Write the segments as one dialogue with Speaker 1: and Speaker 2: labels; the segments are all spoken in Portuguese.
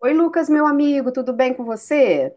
Speaker 1: Oi, Lucas, meu amigo, tudo bem com você?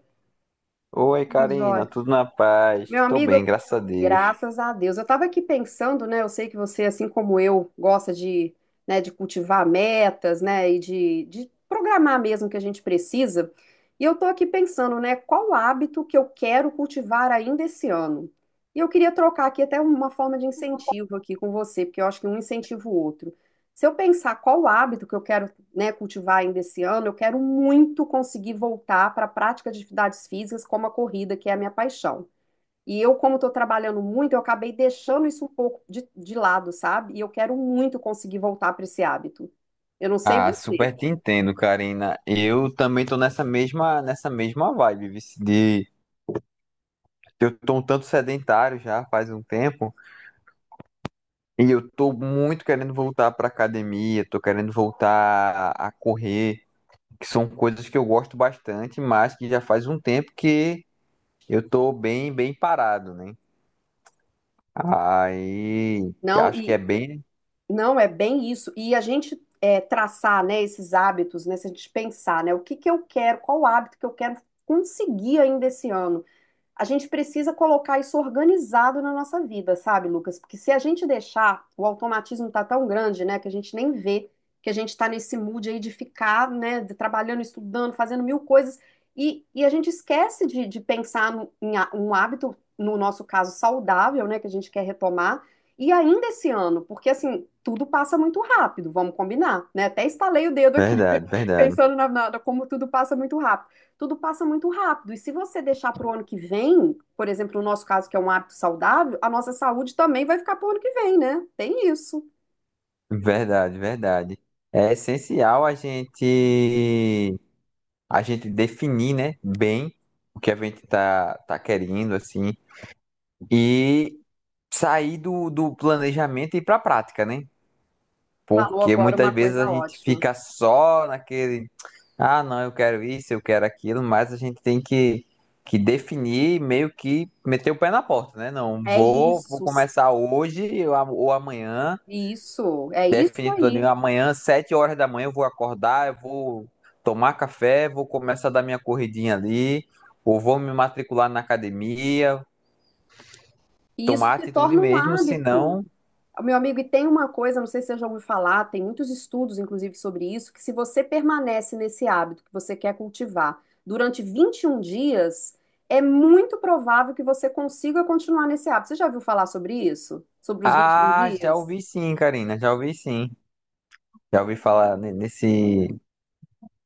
Speaker 2: Oi,
Speaker 1: Tudo
Speaker 2: Karina,
Speaker 1: jóia.
Speaker 2: tudo na paz?
Speaker 1: Meu
Speaker 2: Tô
Speaker 1: amigo,
Speaker 2: bem, graças a Deus.
Speaker 1: graças a Deus. Eu estava aqui pensando, né? Eu sei que você, assim como eu, gosta de cultivar metas, né? E de programar mesmo o que a gente precisa. E eu estou aqui pensando, né? Qual hábito que eu quero cultivar ainda esse ano? E eu queria trocar aqui até uma forma de incentivo aqui com você, porque eu acho que um incentiva o outro. Se eu pensar qual hábito que eu quero, né, cultivar ainda esse ano, eu quero muito conseguir voltar para a prática de atividades físicas como a corrida, que é a minha paixão. E eu, como estou trabalhando muito, eu acabei deixando isso um pouco de lado, sabe? E eu quero muito conseguir voltar para esse hábito. Eu não sei
Speaker 2: Ah,
Speaker 1: você.
Speaker 2: super te entendo, Karina. Eu também tô nessa mesma vibe, de eu tô um tanto sedentário já faz um tempo e eu tô muito querendo voltar pra academia, tô querendo voltar a correr, que são coisas que eu gosto bastante, mas que já faz um tempo que eu tô bem, bem parado, né? Aí,
Speaker 1: Não,
Speaker 2: acho que é
Speaker 1: e
Speaker 2: bem
Speaker 1: não é bem isso. E a gente traçar, né, esses hábitos, né, se a gente pensar, né, o que que eu quero, qual hábito que eu quero conseguir ainda esse ano. A gente precisa colocar isso organizado na nossa vida, sabe, Lucas? Porque se a gente deixar, o automatismo tá tão grande, né, que a gente nem vê que a gente está nesse mood aí de ficar, né, trabalhando, estudando, fazendo mil coisas, e a gente esquece de pensar em um hábito, no nosso caso, saudável, né, que a gente quer retomar, e ainda esse ano, porque assim, tudo passa muito rápido, vamos combinar, né? Até estalei o dedo aqui
Speaker 2: verdade, verdade.
Speaker 1: pensando como tudo passa muito rápido. Tudo passa muito rápido. E se você deixar para o ano que vem, por exemplo, no nosso caso, que é um hábito saudável, a nossa saúde também vai ficar para o ano que vem, né? Tem isso.
Speaker 2: Verdade, verdade. É essencial a gente definir, né, bem o que a gente tá querendo assim e sair do planejamento e ir para a prática, né?
Speaker 1: Falou
Speaker 2: Porque
Speaker 1: agora
Speaker 2: muitas
Speaker 1: uma
Speaker 2: vezes a
Speaker 1: coisa
Speaker 2: gente
Speaker 1: ótima.
Speaker 2: fica só naquele, ah, não, eu quero isso, eu quero aquilo, mas a gente tem que definir, meio que meter o pé na porta, né? Não,
Speaker 1: É
Speaker 2: vou
Speaker 1: isso,
Speaker 2: começar hoje ou amanhã.
Speaker 1: isso, é isso
Speaker 2: Definido todinho.
Speaker 1: aí.
Speaker 2: Amanhã, 7 horas da manhã, eu vou acordar, eu vou tomar café, vou começar a dar minha corridinha ali, ou vou me matricular na academia,
Speaker 1: E isso
Speaker 2: tomar
Speaker 1: se
Speaker 2: atitude
Speaker 1: torna um
Speaker 2: mesmo,
Speaker 1: hábito.
Speaker 2: senão.
Speaker 1: Meu amigo, e tem uma coisa, não sei se você já ouviu falar, tem muitos estudos, inclusive, sobre isso, que se você permanece nesse hábito que você quer cultivar durante 21 dias, é muito provável que você consiga continuar nesse hábito. Você já ouviu falar sobre isso? Sobre os 21
Speaker 2: Ah, já
Speaker 1: dias?
Speaker 2: ouvi sim, Karina, já ouvi sim. Já ouvi falar ne- nesse,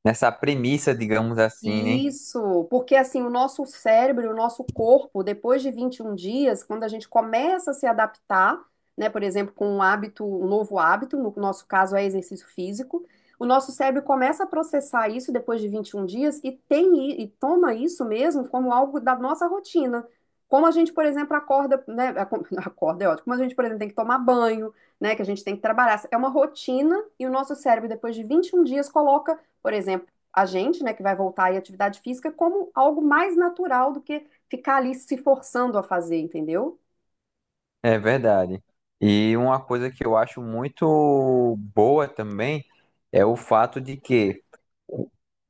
Speaker 2: nessa premissa, digamos assim, né?
Speaker 1: Isso, porque assim, o nosso cérebro, o nosso corpo, depois de 21 dias, quando a gente começa a se adaptar, né, por exemplo, com um hábito, um novo hábito, no nosso caso é exercício físico, o nosso cérebro começa a processar isso depois de 21 dias e e toma isso mesmo como algo da nossa rotina. Como a gente, por exemplo, acorda, né, acorda é ótimo, como a gente, por exemplo, tem que tomar banho, né, que a gente tem que trabalhar, é uma rotina e o nosso cérebro depois de 21 dias coloca, por exemplo, a gente, né, que vai voltar aí à atividade física, como algo mais natural do que ficar ali se forçando a fazer, entendeu?
Speaker 2: É verdade. E uma coisa que eu acho muito boa também é o fato de que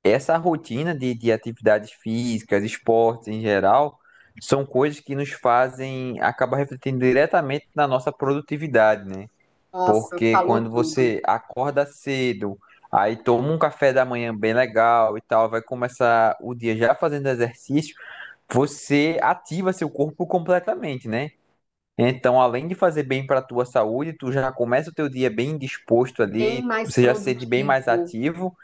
Speaker 2: essa rotina de atividades físicas, esportes em geral, são coisas que nos fazem acabar refletindo diretamente na nossa produtividade, né?
Speaker 1: Nossa,
Speaker 2: Porque
Speaker 1: falou
Speaker 2: quando
Speaker 1: tudo.
Speaker 2: você acorda cedo, aí toma um café da manhã bem legal e tal, vai começar o dia já fazendo exercício, você ativa seu corpo completamente, né? Então, além de fazer bem para a tua saúde, tu já começa o teu dia bem disposto
Speaker 1: Bem
Speaker 2: ali,
Speaker 1: mais
Speaker 2: você já se sente bem mais
Speaker 1: produtivo.
Speaker 2: ativo.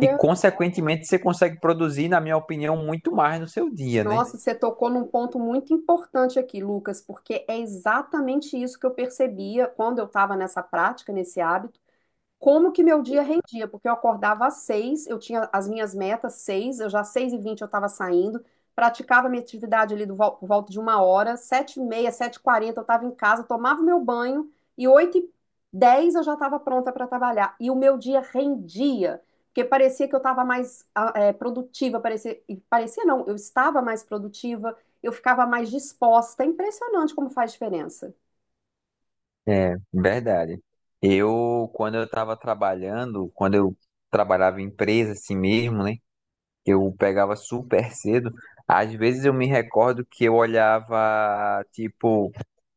Speaker 2: E, consequentemente, você consegue produzir, na minha opinião, muito mais no seu dia, né?
Speaker 1: nossa, você tocou num ponto muito importante aqui, Lucas, porque é exatamente isso que eu percebia quando eu estava nessa prática, nesse hábito. Como que meu dia rendia, porque eu acordava às 6h, eu tinha as minhas metas 6h, eu já às 6h20 eu estava saindo, praticava minha atividade ali por volta de uma hora, 7h30, 7h40 eu estava em casa, tomava meu banho e 8h10 eu já estava pronta para trabalhar. E o meu dia rendia, porque parecia que eu estava mais produtiva, parecia, e parecia não, eu estava mais produtiva, eu ficava mais disposta. É impressionante como faz diferença.
Speaker 2: É, verdade. Eu, quando eu estava trabalhando, quando eu trabalhava em empresa assim mesmo, né? Eu pegava super cedo. Às vezes eu me recordo que eu olhava, tipo,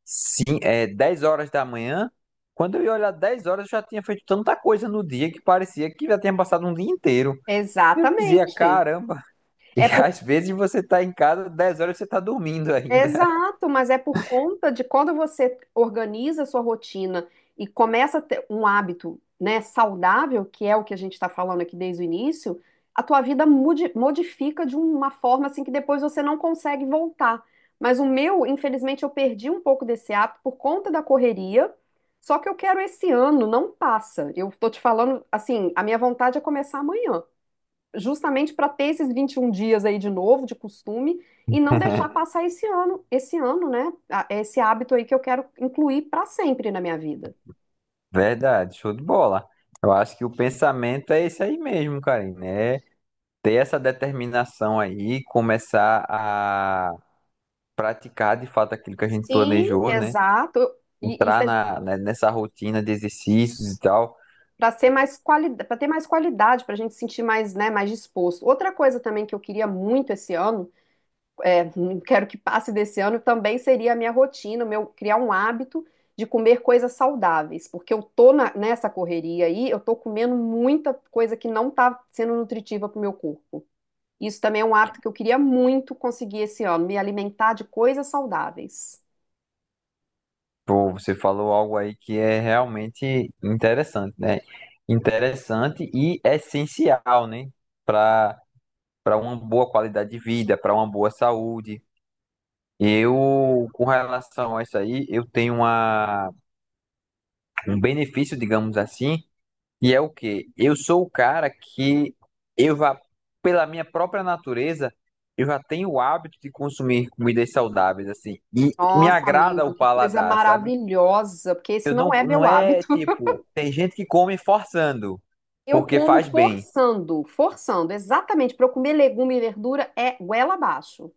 Speaker 2: sim é, 10 horas da manhã. Quando eu ia olhar 10 horas, eu já tinha feito tanta coisa no dia que parecia que já tinha passado um dia inteiro. Eu dizia,
Speaker 1: Exatamente.
Speaker 2: caramba. E
Speaker 1: É
Speaker 2: às vezes você tá em casa, 10 horas você tá dormindo ainda.
Speaker 1: Exato, mas é por conta de quando você organiza a sua rotina e começa a ter um hábito, né, saudável, que é o que a gente está falando aqui desde o início, a tua vida modifica de uma forma assim que depois você não consegue voltar. Mas o meu, infelizmente, eu perdi um pouco desse hábito por conta da correria, só que eu quero esse ano, não passa. Eu tô te falando, assim, a minha vontade é começar amanhã justamente para ter esses 21 dias aí de novo, de costume, e não deixar passar esse ano, né? Esse hábito aí que eu quero incluir para sempre na minha vida.
Speaker 2: Verdade, show de bola. Eu acho que o pensamento é esse aí mesmo, Karine. É ter essa determinação aí, começar a praticar de fato aquilo que a gente
Speaker 1: Sim,
Speaker 2: planejou, né?
Speaker 1: exato. E isso
Speaker 2: Entrar
Speaker 1: é
Speaker 2: na, né, nessa rotina de exercícios e tal.
Speaker 1: para ser mais qualidade, para ter mais qualidade, para a gente se sentir mais, né, mais disposto. Outra coisa também que eu queria muito esse ano é, quero que passe desse ano, também seria a minha rotina, meu criar um hábito de comer coisas saudáveis, porque eu tô nessa correria aí, eu tô comendo muita coisa que não tá sendo nutritiva pro meu corpo. Isso também é um hábito que eu queria muito conseguir esse ano, me alimentar de coisas saudáveis.
Speaker 2: Pô, você falou algo aí que é realmente interessante, né? Interessante e essencial, né? Para para uma boa qualidade de vida, para uma boa saúde. Eu, com relação a isso aí, eu tenho uma um benefício, digamos assim, e é o quê? Eu sou o cara que eu já, pela minha própria natureza, eu já tenho o hábito de consumir comidas saudáveis, assim, e me
Speaker 1: Nossa,
Speaker 2: agrada
Speaker 1: amigo,
Speaker 2: o
Speaker 1: que coisa
Speaker 2: paladar, sabe?
Speaker 1: maravilhosa, porque esse
Speaker 2: Eu
Speaker 1: não
Speaker 2: não,
Speaker 1: é
Speaker 2: não
Speaker 1: meu
Speaker 2: é
Speaker 1: hábito.
Speaker 2: tipo, tem gente que come forçando,
Speaker 1: Eu
Speaker 2: porque
Speaker 1: como
Speaker 2: faz bem.
Speaker 1: forçando, forçando, exatamente, para eu comer legume e verdura é goela abaixo.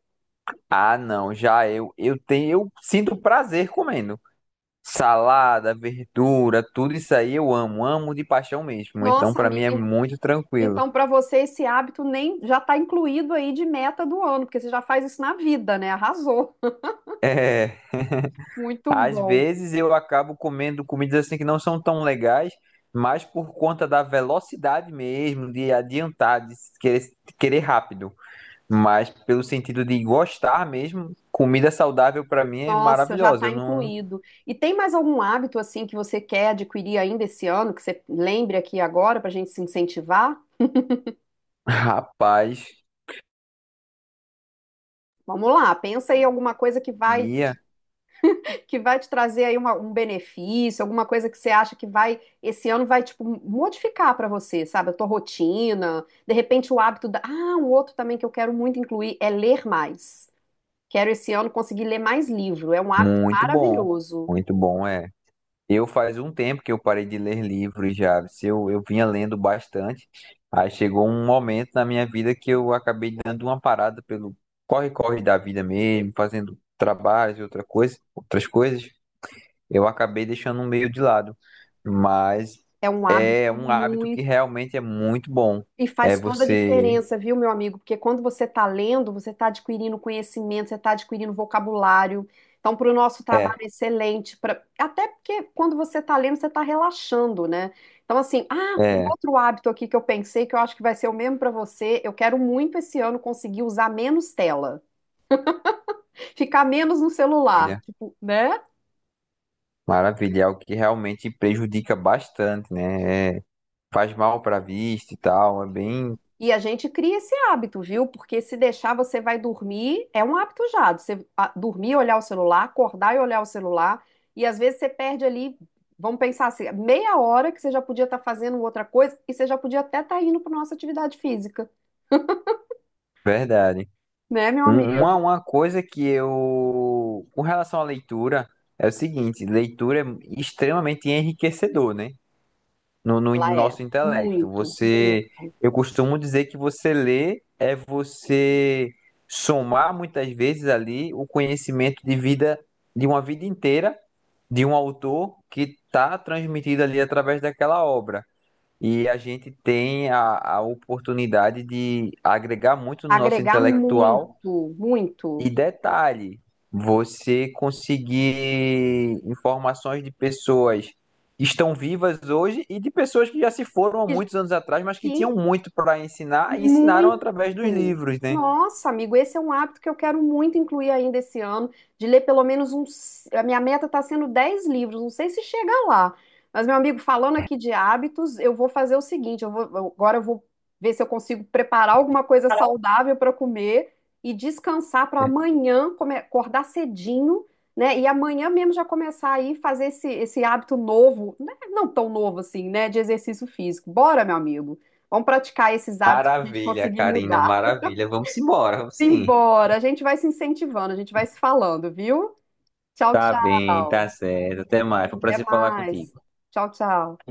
Speaker 2: Ah, não, já eu sinto prazer comendo. Salada, verdura, tudo isso aí eu amo, amo de paixão mesmo. Então,
Speaker 1: Nossa,
Speaker 2: pra mim
Speaker 1: amigo.
Speaker 2: é muito tranquilo.
Speaker 1: Então, para você, esse hábito nem já está incluído aí de meta do ano, porque você já faz isso na vida, né? Arrasou.
Speaker 2: É.
Speaker 1: Muito
Speaker 2: Às
Speaker 1: bom.
Speaker 2: vezes eu acabo comendo comidas assim que não são tão legais, mas por conta da velocidade mesmo, de adiantar, de querer, querer rápido. Mas pelo sentido de gostar mesmo, comida saudável pra mim é
Speaker 1: Nossa, já
Speaker 2: maravilhosa.
Speaker 1: está
Speaker 2: Eu não,
Speaker 1: incluído. E tem mais algum hábito assim que você quer adquirir ainda esse ano, que você lembre aqui agora para a gente se incentivar?
Speaker 2: rapaz,
Speaker 1: Vamos lá, pensa aí alguma coisa que vai
Speaker 2: Mia,
Speaker 1: que vai te trazer aí um benefício, alguma coisa que você acha que vai esse ano vai tipo modificar para você, sabe? A tua rotina, de repente ah, um outro também que eu quero muito incluir é ler mais. Quero esse ano conseguir ler mais livro. É um hábito
Speaker 2: muito bom.
Speaker 1: maravilhoso.
Speaker 2: Muito bom, é. Eu faz um tempo que eu parei de ler livros já. Se eu, eu vinha lendo bastante. Aí chegou um momento na minha vida que eu acabei dando uma parada pelo corre-corre da vida mesmo, fazendo trabalhos e outra coisa, outras coisas. Eu acabei deixando um meio de lado. Mas
Speaker 1: É um hábito
Speaker 2: é um hábito que
Speaker 1: muito.
Speaker 2: realmente é muito bom.
Speaker 1: E
Speaker 2: É
Speaker 1: faz toda a
Speaker 2: você.
Speaker 1: diferença, viu, meu amigo? Porque quando você está lendo, você está adquirindo conhecimento, você está adquirindo vocabulário. Então, para o nosso trabalho
Speaker 2: É,
Speaker 1: é excelente. Até porque quando você está lendo, você está relaxando, né? Então, assim, um
Speaker 2: é.
Speaker 1: outro hábito aqui que eu pensei, que eu acho que vai ser o mesmo para você. Eu quero muito esse ano conseguir usar menos tela, ficar menos no celular,
Speaker 2: Maravilha.
Speaker 1: tipo, né?
Speaker 2: Maravilha. É algo que realmente prejudica bastante, né? É, faz mal para a vista e tal. É bem
Speaker 1: E a gente cria esse hábito, viu? Porque se deixar, você vai dormir, é um hábito já. Você dormir, e olhar o celular, acordar e olhar o celular. E às vezes você perde ali, vamos pensar assim, meia hora que você já podia estar fazendo outra coisa e você já podia até estar indo para nossa atividade física,
Speaker 2: verdade.
Speaker 1: né, meu
Speaker 2: Um- Uma,
Speaker 1: amigo?
Speaker 2: uma coisa que eu, com relação à leitura, é o seguinte, leitura é extremamente enriquecedor, né? No
Speaker 1: Lá é.
Speaker 2: nosso intelecto.
Speaker 1: Muito, muito.
Speaker 2: Você, eu costumo dizer que você lê é você somar muitas vezes ali o conhecimento de vida, de uma vida inteira, de um autor que está transmitido ali através daquela obra. E a gente tem a oportunidade de agregar muito no nosso
Speaker 1: Agregar. Então,
Speaker 2: intelectual
Speaker 1: muito, muito.
Speaker 2: e detalhe, você conseguir informações de pessoas que estão vivas hoje e de pessoas que já se foram há
Speaker 1: E.
Speaker 2: muitos anos atrás, mas que
Speaker 1: Sim.
Speaker 2: tinham muito para
Speaker 1: Então.
Speaker 2: ensinar e ensinaram através dos
Speaker 1: Muito!
Speaker 2: livros, né?
Speaker 1: Nossa, amigo, esse é um hábito que eu quero muito incluir ainda esse ano, de ler pelo menos uns. A minha meta está sendo 10 livros, não sei se chega lá. Mas, meu amigo, falando aqui de hábitos, eu vou fazer o seguinte: agora eu vou ver se eu consigo preparar alguma coisa saudável para comer e descansar para amanhã, acordar cedinho, né? E amanhã mesmo já começar aí fazer esse hábito novo, né, não tão novo assim, né? De exercício físico. Bora, meu amigo. Vamos praticar esses hábitos para a gente
Speaker 2: Maravilha,
Speaker 1: conseguir
Speaker 2: Karina,
Speaker 1: mudar.
Speaker 2: maravilha. Vamos embora, vamos sim.
Speaker 1: Embora, a gente vai se incentivando, a gente vai se falando, viu? Tchau,
Speaker 2: Tá bem,
Speaker 1: tchau.
Speaker 2: tá certo. Até mais. Foi um
Speaker 1: Até
Speaker 2: prazer falar
Speaker 1: mais.
Speaker 2: contigo.
Speaker 1: Tchau, tchau.